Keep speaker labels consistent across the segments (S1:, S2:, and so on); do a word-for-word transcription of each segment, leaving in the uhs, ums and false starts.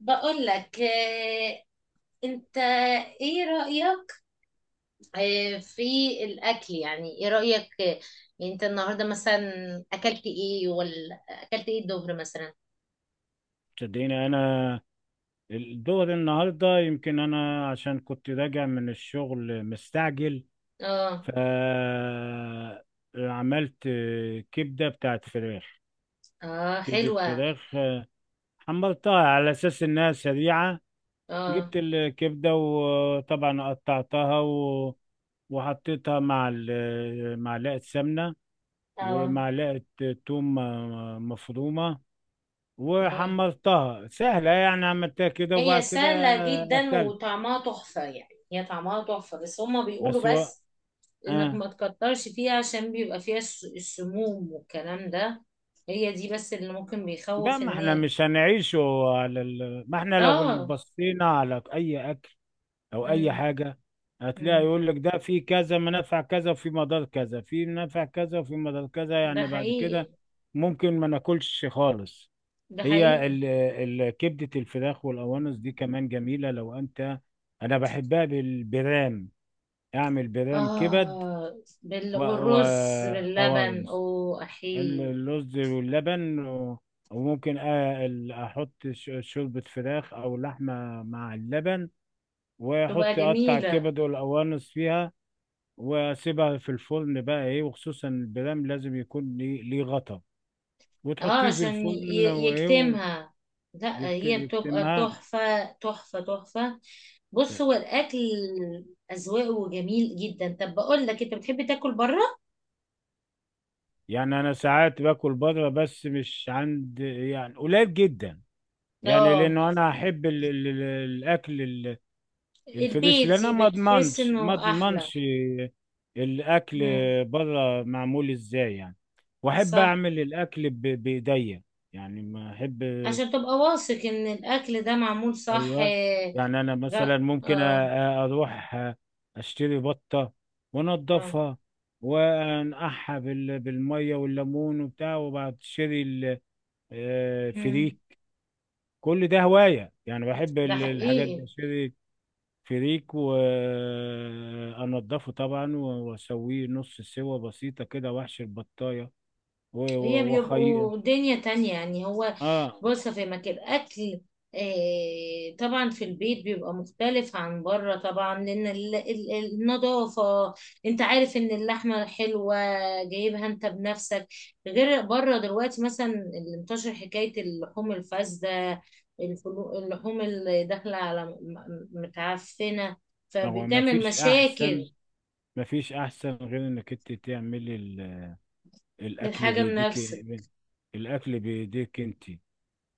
S1: بقول لك آه، انت ايه رأيك آه، في الاكل، يعني ايه رأيك آه، يعني انت النهارده مثلا اكلت ايه، ولا اكلت ايه الظهر مثلا؟
S2: صدقيني، انا الدور النهارده يمكن انا عشان كنت راجع من الشغل مستعجل.
S1: اه.
S2: ف عملت كبده بتاعت فراخ.
S1: اه،
S2: كبده
S1: حلوة.
S2: فراخ حمرتها على اساس انها سريعه.
S1: اه.
S2: جبت الكبده وطبعا قطعتها و... وحطيتها مع ال- معلقه سمنه
S1: اه.
S2: ومعلقه توم مفرومه.
S1: اه.
S2: وحمرتها سهله، يعني عملتها كده.
S1: هي
S2: وبعد كده
S1: سهلة جدا
S2: اكلت
S1: وطعمها تحفة، يعني هي طعمها تحفة، بس هما
S2: بس
S1: بيقولوا
S2: هو.
S1: بس انك
S2: اه.
S1: ما تكترش فيها عشان بيبقى فيها الس- السموم والكلام ده. هي دي بس اللي ممكن
S2: لا،
S1: بيخوف
S2: ما احنا
S1: الناس.
S2: مش هنعيشه على ال... ما احنا لو
S1: اه.
S2: بصينا على اي اكل او اي حاجه هتلاقي
S1: امم
S2: يقول لك ده في كذا منافع كذا وفي مضار كذا، في منافع كذا وفي مضار كذا،
S1: ده
S2: يعني بعد كده
S1: حقيقي.
S2: ممكن ما ناكلش خالص.
S1: ده
S2: هي
S1: حقيقي.
S2: ال... ال... كبده الفراخ والقوانص دي كمان جميله. لو انت، انا بحبها بالبرام، اعمل برام كبد.
S1: آه، بال...
S2: و... و...
S1: والرز باللبن أو أحيي.
S2: اللوز واللبن، و- وممكن آ- ال- احط ش- شوربة فراخ او لحمة مع اللبن،
S1: تبقى
S2: واحط اقطع
S1: جميلة.
S2: الكبد والقوانص فيها، واسيبها في الفرن بقى ايه. وخصوصا البرام لازم يكون ليه ليه غطا،
S1: آه،
S2: وتحطيه في
S1: عشان
S2: الفرن
S1: ي...
S2: وايه،
S1: يكتمها. لا، هي بتبقى
S2: ويكتمها.
S1: تحفة تحفة تحفة. بص، هو الأكل أذواقه جميل جدا. طب بقول لك إيه، أنت بتحب تاكل بره؟
S2: يعني انا ساعات باكل بره، بس مش عند، يعني قليل جدا. يعني
S1: آه،
S2: لانه انا احب ال- ال- ال- الاكل ال- الفريش. لان انا
S1: البيتي،
S2: ما
S1: بتحس
S2: اضمنش ما
S1: إنه أحلى.
S2: اضمنش الاكل
S1: مم.
S2: بره معمول ازاي يعني. واحب
S1: صح.
S2: اعمل الاكل ب- بايديا، يعني ما احب.
S1: عشان تبقى واثق إن الأكل ده معمول صح
S2: ايوه،
S1: آه،
S2: يعني انا
S1: لا.
S2: مثلا ممكن أ-
S1: آه.
S2: اروح اشتري بطه،
S1: آه.
S2: وانضفها، وانقعها بال- بالميه والليمون وبتاع، وبعد اشتري ال- آه،
S1: مم.
S2: فريك. كل ده هوايه، يعني بحب
S1: ده
S2: ال- الحاجات دي.
S1: حقيقي.
S2: اشتري فريك وانضفه طبعا، واسويه نص سوا بسيطه كده، واحشي البطايه و-
S1: هي
S2: و- وخي.
S1: بيبقوا دنيا تانية يعني. هو
S2: اه،
S1: بص في مكان الأكل. آه، طبعا في البيت بيبقى مختلف عن بره طبعا، لأن ال- ال- النظافة، انت عارف ان اللحمة حلوة، جايبها انت بنفسك، غير بره. دلوقتي مثلا اللي انتشر حكاية اللحوم الفاسدة، الفلو- اللحوم اللي داخلة على م- م- متعفنة،
S2: هو ما
S1: فبتعمل
S2: فيش احسن
S1: مشاكل.
S2: ما فيش احسن غير انك انت تعملي ال- الاكل
S1: للحاجة
S2: بايديك،
S1: بنفسك.
S2: الاكل بايديك انت.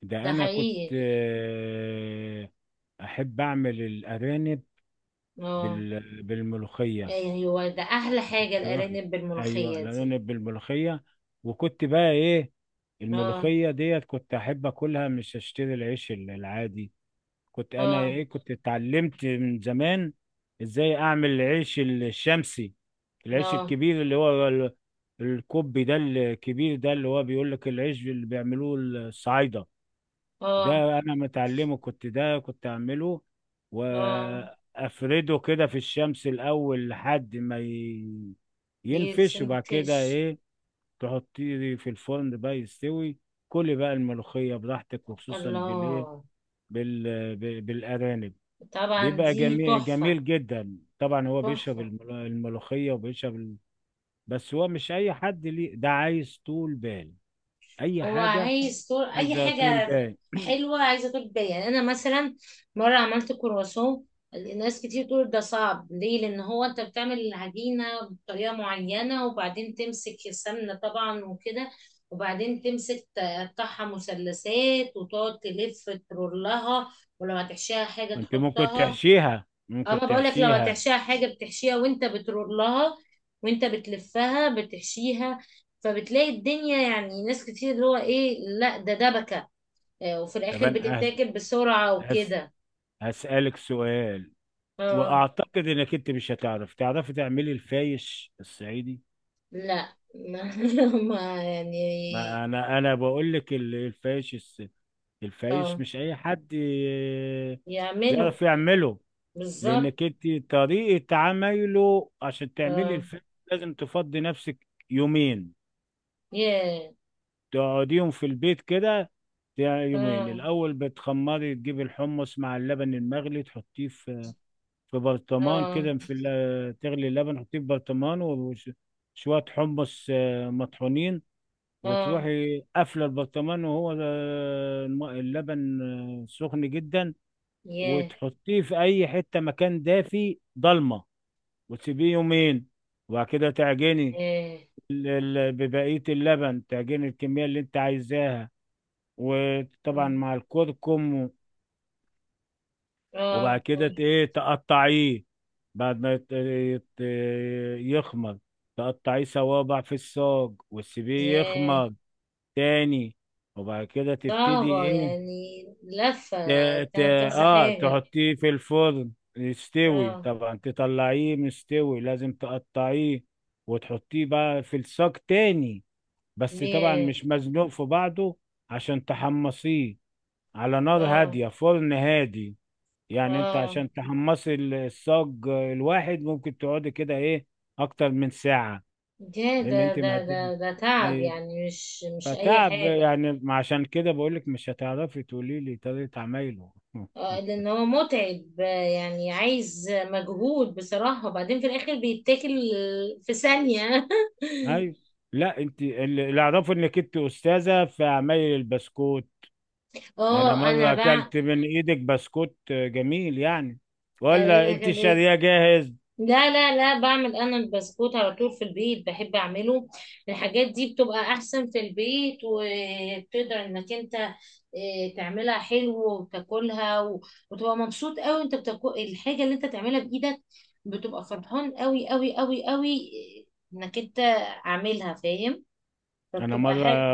S2: ده
S1: ده
S2: انا كنت
S1: حقيقي.
S2: آه، احب اعمل الارانب
S1: اه،
S2: بال- بالملوخيه.
S1: يعني هو ده احلى
S2: كنت
S1: حاجة،
S2: اروح،
S1: الارانب
S2: ايوه،
S1: بالملوخية دي.
S2: الارانب بالملوخيه، وكنت بقى ايه.
S1: اه.
S2: الملوخيه ديت كنت احب اكلها، مش اشتري العيش العادي. كنت انا
S1: اه.
S2: ايه، كنت اتعلمت من زمان ازاي اعمل العيش الشمسي، العيش
S1: اه.
S2: الكبير اللي هو ال- الكوبي ده، الكبير ده اللي هو بيقول لك العيش اللي بيعملوه الصعايدة
S1: اه.
S2: ده. انا متعلمه، كنت ده كنت اعمله.
S1: اه،
S2: وافرده كده في الشمس الاول لحد ما ي- ينفش، وبعد كده
S1: يتشنكش.
S2: ايه، تحطيه في الفرن بقى يستوي. كلي بقى الملوخية براحتك، وخصوصا بالايه،
S1: الله،
S2: بال... ب- بالارانب.
S1: طبعا
S2: بيبقى
S1: دي
S2: جميل
S1: تحفة.
S2: جميل جدا طبعا. هو بيشرب
S1: تحفة.
S2: المل- الملوخية وبيشرب ال... بس هو مش أي حد ليه ده، عايز طول بال أي
S1: هو
S2: حاجة،
S1: عايز طول اي
S2: عايزة طول
S1: حاجه.
S2: بال.
S1: حلوه، عايزه طول بال. يعني انا مثلا مره عملت كرواسون. ناس كتير تقول ده صعب ليه، لان هو انت بتعمل العجينه بطريقه معينه، وبعدين تمسك السمنه طبعا وكده، وبعدين تمسك تقطعها مثلثات وتقعد تلف ترولها، ولو هتحشيها حاجه
S2: أنت ممكن
S1: تحطها.
S2: تحشيها ممكن
S1: انا بقول لك لو
S2: تحشيها
S1: هتحشيها حاجه بتحشيها وانت بترول لها، وانت بتلفها بتحشيها. فبتلاقي الدنيا، يعني ناس كتير اللي هو ايه، لا ده دبكه آه، وفي
S2: طب
S1: الاخر
S2: أنا هس...
S1: بتتاكل بسرعه
S2: هس...
S1: وكده.
S2: هسألك سؤال.
S1: اه.
S2: وأعتقد إنك أنت مش هتعرف تعرفي تعملي الفايش الصعيدي.
S1: لا ما ما يعني.
S2: ما أنا أنا بقول لك ال- الفايش الس... الفايش
S1: اه،
S2: مش أي حد آه،
S1: يعملوا.
S2: يعرف يعمله.
S1: بالظبط.
S2: لانك انت طريقه عمايله. عشان تعملي
S1: اه.
S2: الفيلم لازم تفضي نفسك يومين،
S1: ياه.
S2: تقعديهم في البيت كده. تع- يومين
S1: اه.
S2: الاول بتخمري، تجيبي الحمص مع اللبن المغلي تحطيه في في برطمان
S1: اه.
S2: كده. في ال- تغلي اللبن تحطيه في برطمان، وشويه حمص آه، مطحونين.
S1: اه.
S2: وتروحي قافله البرطمان، وهو آه، الم- اللبن آه، سخن جدا.
S1: ياه.
S2: وتحطيه في اي حته، مكان دافي ضلمه، وتسيبيه يومين. وبعد كده تعجني
S1: ياه.
S2: ال- ال- ببقية اللبن، تعجني الكمية اللي انت عايزاها، وطبعا مع الكركم. وبعد
S1: اه. اه.
S2: كده ت- ايه تقطعيه، بعد ما يت- يت- يخمر، تقطعيه صوابع في الصاج وتسيبيه
S1: ياه.
S2: يخمر تاني. وبعد كده تبتدي
S1: صعبة
S2: ايه،
S1: يعني لفة.
S2: ت... ت...
S1: تعمل كذا
S2: اه
S1: حاجة.
S2: تحطيه في الفرن يستوي.
S1: اه.
S2: طبعا تطلعيه مستوي، لازم تقطعيه وتحطيه بقى في الصاج تاني، بس طبعا
S1: بيه.
S2: مش مزنوق في بعضه عشان تحمصيه، على نار
S1: اه.
S2: هادية، فرن هادي. يعني انت
S1: اه.
S2: عشان تحمصي ال- الصاج الواحد ممكن تقعدي كده ايه، اكتر من ساعة.
S1: ده
S2: لان
S1: ده
S2: انت ما
S1: ده
S2: هت-
S1: ده ده
S2: ما
S1: تعب،
S2: ي-
S1: يعني مش مش أي
S2: فتعب
S1: حاجة.
S2: يعني. عشان كده بقولك مش هتعرفي تقولي لي طريقة عمايله.
S1: اه، لأن هو متعب آه، يعني عايز مجهود بصراحة، وبعدين في الآخر بيتاكل في ثانية.
S2: ايوه. لا، انت اللي اللي اعرفه انك انت استاذه في عمايل البسكوت. انا
S1: اه، أنا
S2: مره اكلت من ايدك بسكوت جميل يعني، ولا انت
S1: بقى.
S2: شاريه جاهز؟
S1: لا لا لا، بعمل انا البسكوت على طول في البيت، بحب اعمله. الحاجات دي بتبقى احسن في البيت، وبتقدر انك انت آه، تعملها حلو وتاكلها و- وتبقى مبسوط قوي انت بتاكل الحاجة اللي انت تعملها بايدك، بتبقى فرحان قوي قوي قوي قوي آه، انك انت عاملها فاهم،
S2: انا
S1: فبتبقى
S2: مره
S1: حاجة.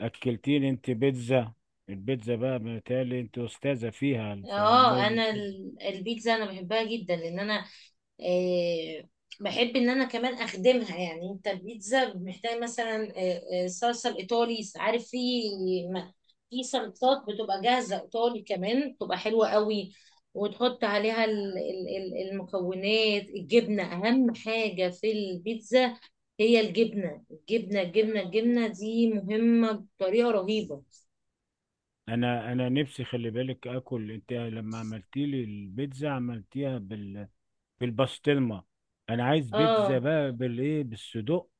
S2: اكلتيني انت بيتزا. البيتزا بقى، بالتالي انت استاذه فيها، في
S1: اه،
S2: عمايل
S1: انا
S2: البيتزا.
S1: ال- البيتزا انا بحبها جدا، لان انا آه، بحب ان انا كمان اخدمها. يعني انت البيتزا محتاج مثلا آه، آه، صلصه الايطالي، عارف، في م- في صلصات بتبقى جاهزه ايطالي كمان، بتبقى حلوه قوي، وتحط عليها ال- ال- ال- المكونات. الجبنه اهم حاجه في البيتزا، هي الجبنه. الجبنه الجبنه الجبنه دي مهمه بطريقه رهيبه.
S2: انا انا نفسي، خلي بالك، اكل انت لما عملتي لي البيتزا عملتيها بال... بالبسطرمه. انا عايز بيتزا
S1: اه.
S2: بقى بالايه، بالصدوق،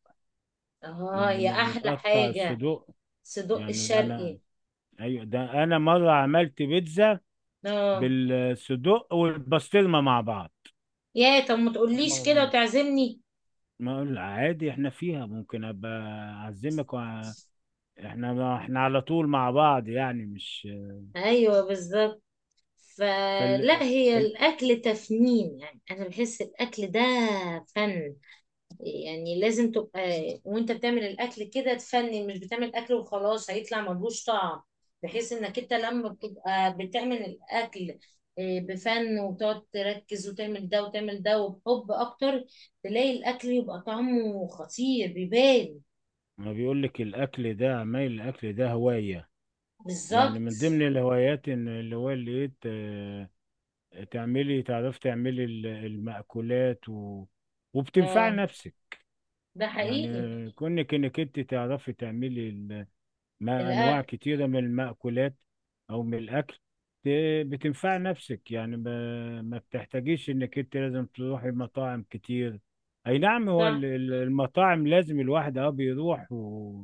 S1: اه،
S2: اللي
S1: يا احلى
S2: متقطع
S1: حاجه.
S2: الصدوق.
S1: صدق
S2: يعني ده انا،
S1: الشرقي.
S2: ايوه، ده انا مره عملت بيتزا
S1: اه،
S2: بالصدق والبسطرمه مع بعض.
S1: يا طب ما تقوليش كده
S2: ما
S1: وتعزمني.
S2: ما اقول عادي، احنا فيها ممكن ابقى اعزمك وع- احنا احنا على طول مع بعض، يعني مش
S1: ايوه بالظبط.
S2: فال
S1: فلا هي
S2: ال-
S1: الاكل تفنين، يعني انا بحس الاكل ده فن، يعني لازم تبقى وانت بتعمل الاكل كده تفنن، مش بتعمل اكل وخلاص هيطلع ملوش طعم. بحيث انك انت لما بتبقى بتعمل الاكل آه، بفن وتقعد تركز وتعمل ده وتعمل ده، وبحب اكتر تلاقي الاكل يبقى طعمه خطير بيبان.
S2: ما بيقول لك الاكل ده، عمايل الاكل ده هوايه. يعني
S1: بالظبط.
S2: من ضمن الهوايات ان اللي هو اللي إيه ت- تعملي تعرفي تعملي ال- المأكولات و... وبتنفعي
S1: اه.
S2: نفسك.
S1: ده حقيقي.
S2: يعني كونك انك انت تعرفي تعملي مع أنواع
S1: الاكل.
S2: كتيرة من المأكولات أو من الأكل، ت- بتنفع نفسك يعني. ما, ما بتحتاجيش إنك أنت لازم تروحي مطاعم كتير. أي نعم، هو
S1: صح.
S2: ال- ال- المطاعم لازم الواحد أه بيروح و...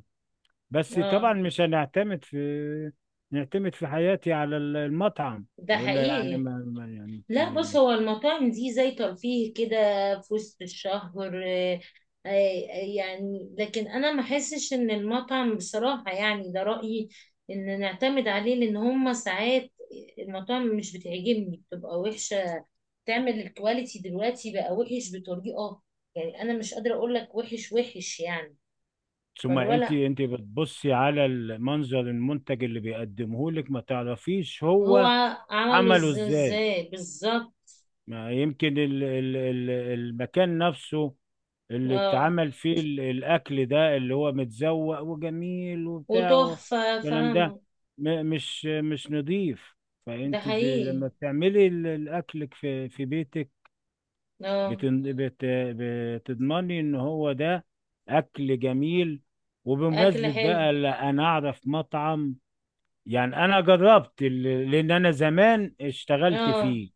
S2: بس
S1: اه.
S2: طبعا مش هنعتمد في نعتمد في حياتي على ال- المطعم،
S1: ده
S2: وإلا يعني
S1: حقيقي.
S2: ما, ما يعني.
S1: لا بص،
S2: انت
S1: هو المطاعم دي زي ترفيه كده، في وسط الشهر آه، آه، آه، يعني لكن انا ما احسش ان المطعم بصراحة، يعني ده رأيي ان نعتمد عليه، لان هما ساعات المطاعم مش بتعجبني، بتبقى وحشة. تعمل الكواليتي دلوقتي بقى وحش بطريقة، يعني انا مش قادرة اقول لك وحش وحش يعني.
S2: ثم
S1: فلو
S2: انت
S1: لا،
S2: انت بتبصي على المنظر، المنتج اللي بيقدمه لك، ما تعرفيش
S1: هو
S2: هو
S1: عمله
S2: عمله
S1: إز-
S2: ازاي.
S1: ازاي بالظبط.
S2: ما يمكن ال- ال- ال- المكان نفسه اللي
S1: اه.
S2: اتعمل فيه ال- الأكل ده، اللي هو متزوق وجميل وبتاع
S1: وتحفة،
S2: والكلام ده،
S1: فاهمة.
S2: م- مش مش نظيف.
S1: ده
S2: فأنت ب...
S1: حقيقي.
S2: لما بتعملي ال- الأكل في في بيتك
S1: اه.
S2: بتن... بت... بتضمني إن هو ده أكل جميل.
S1: اكل
S2: وبمناسبة
S1: حلو.
S2: بقى، لا أنا أعرف مطعم. يعني أنا جربت ال- لأن أنا زمان اشتغلت
S1: اه.
S2: فيه،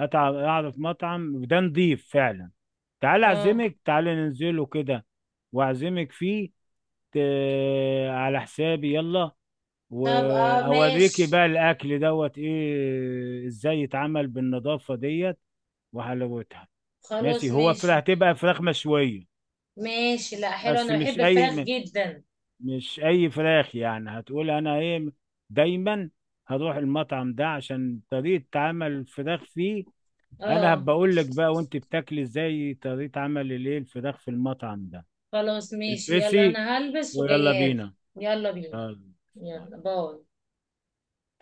S2: اتعب، اعرف مطعم ده نضيف فعلا. تعال
S1: اه.
S2: اعزمك، تعال ننزله كده واعزمك فيه ت... على حسابي، يلا.
S1: طب اه،
S2: واوريكي
S1: ماشي.
S2: بقى الاكل دوت ايه ازاي يتعمل بالنظافة ديت وحلاوتها. ماشي،
S1: خلاص
S2: هو فراخ،
S1: ماشي.
S2: هتبقى فراخ مشوية.
S1: ماشي، لا حلو
S2: بس
S1: انا
S2: مش
S1: بحب
S2: اي
S1: الفراخ
S2: م-
S1: جدا.
S2: مش اي فراخ يعني. هتقول انا ايه؟ دايما هروح المطعم ده عشان طريقة تعامل الفراخ فيه. انا
S1: اه.
S2: بقول لك بقى وانت بتاكلي ازاي طريقة عمل الايه الفراخ في المطعم ده.
S1: خلاص ماشي، يلا
S2: البسي،
S1: انا هلبس
S2: ويلا
S1: وجايالك.
S2: بينا،
S1: يلا بينا.
S2: يلا
S1: يلا.
S2: باي.
S1: باي.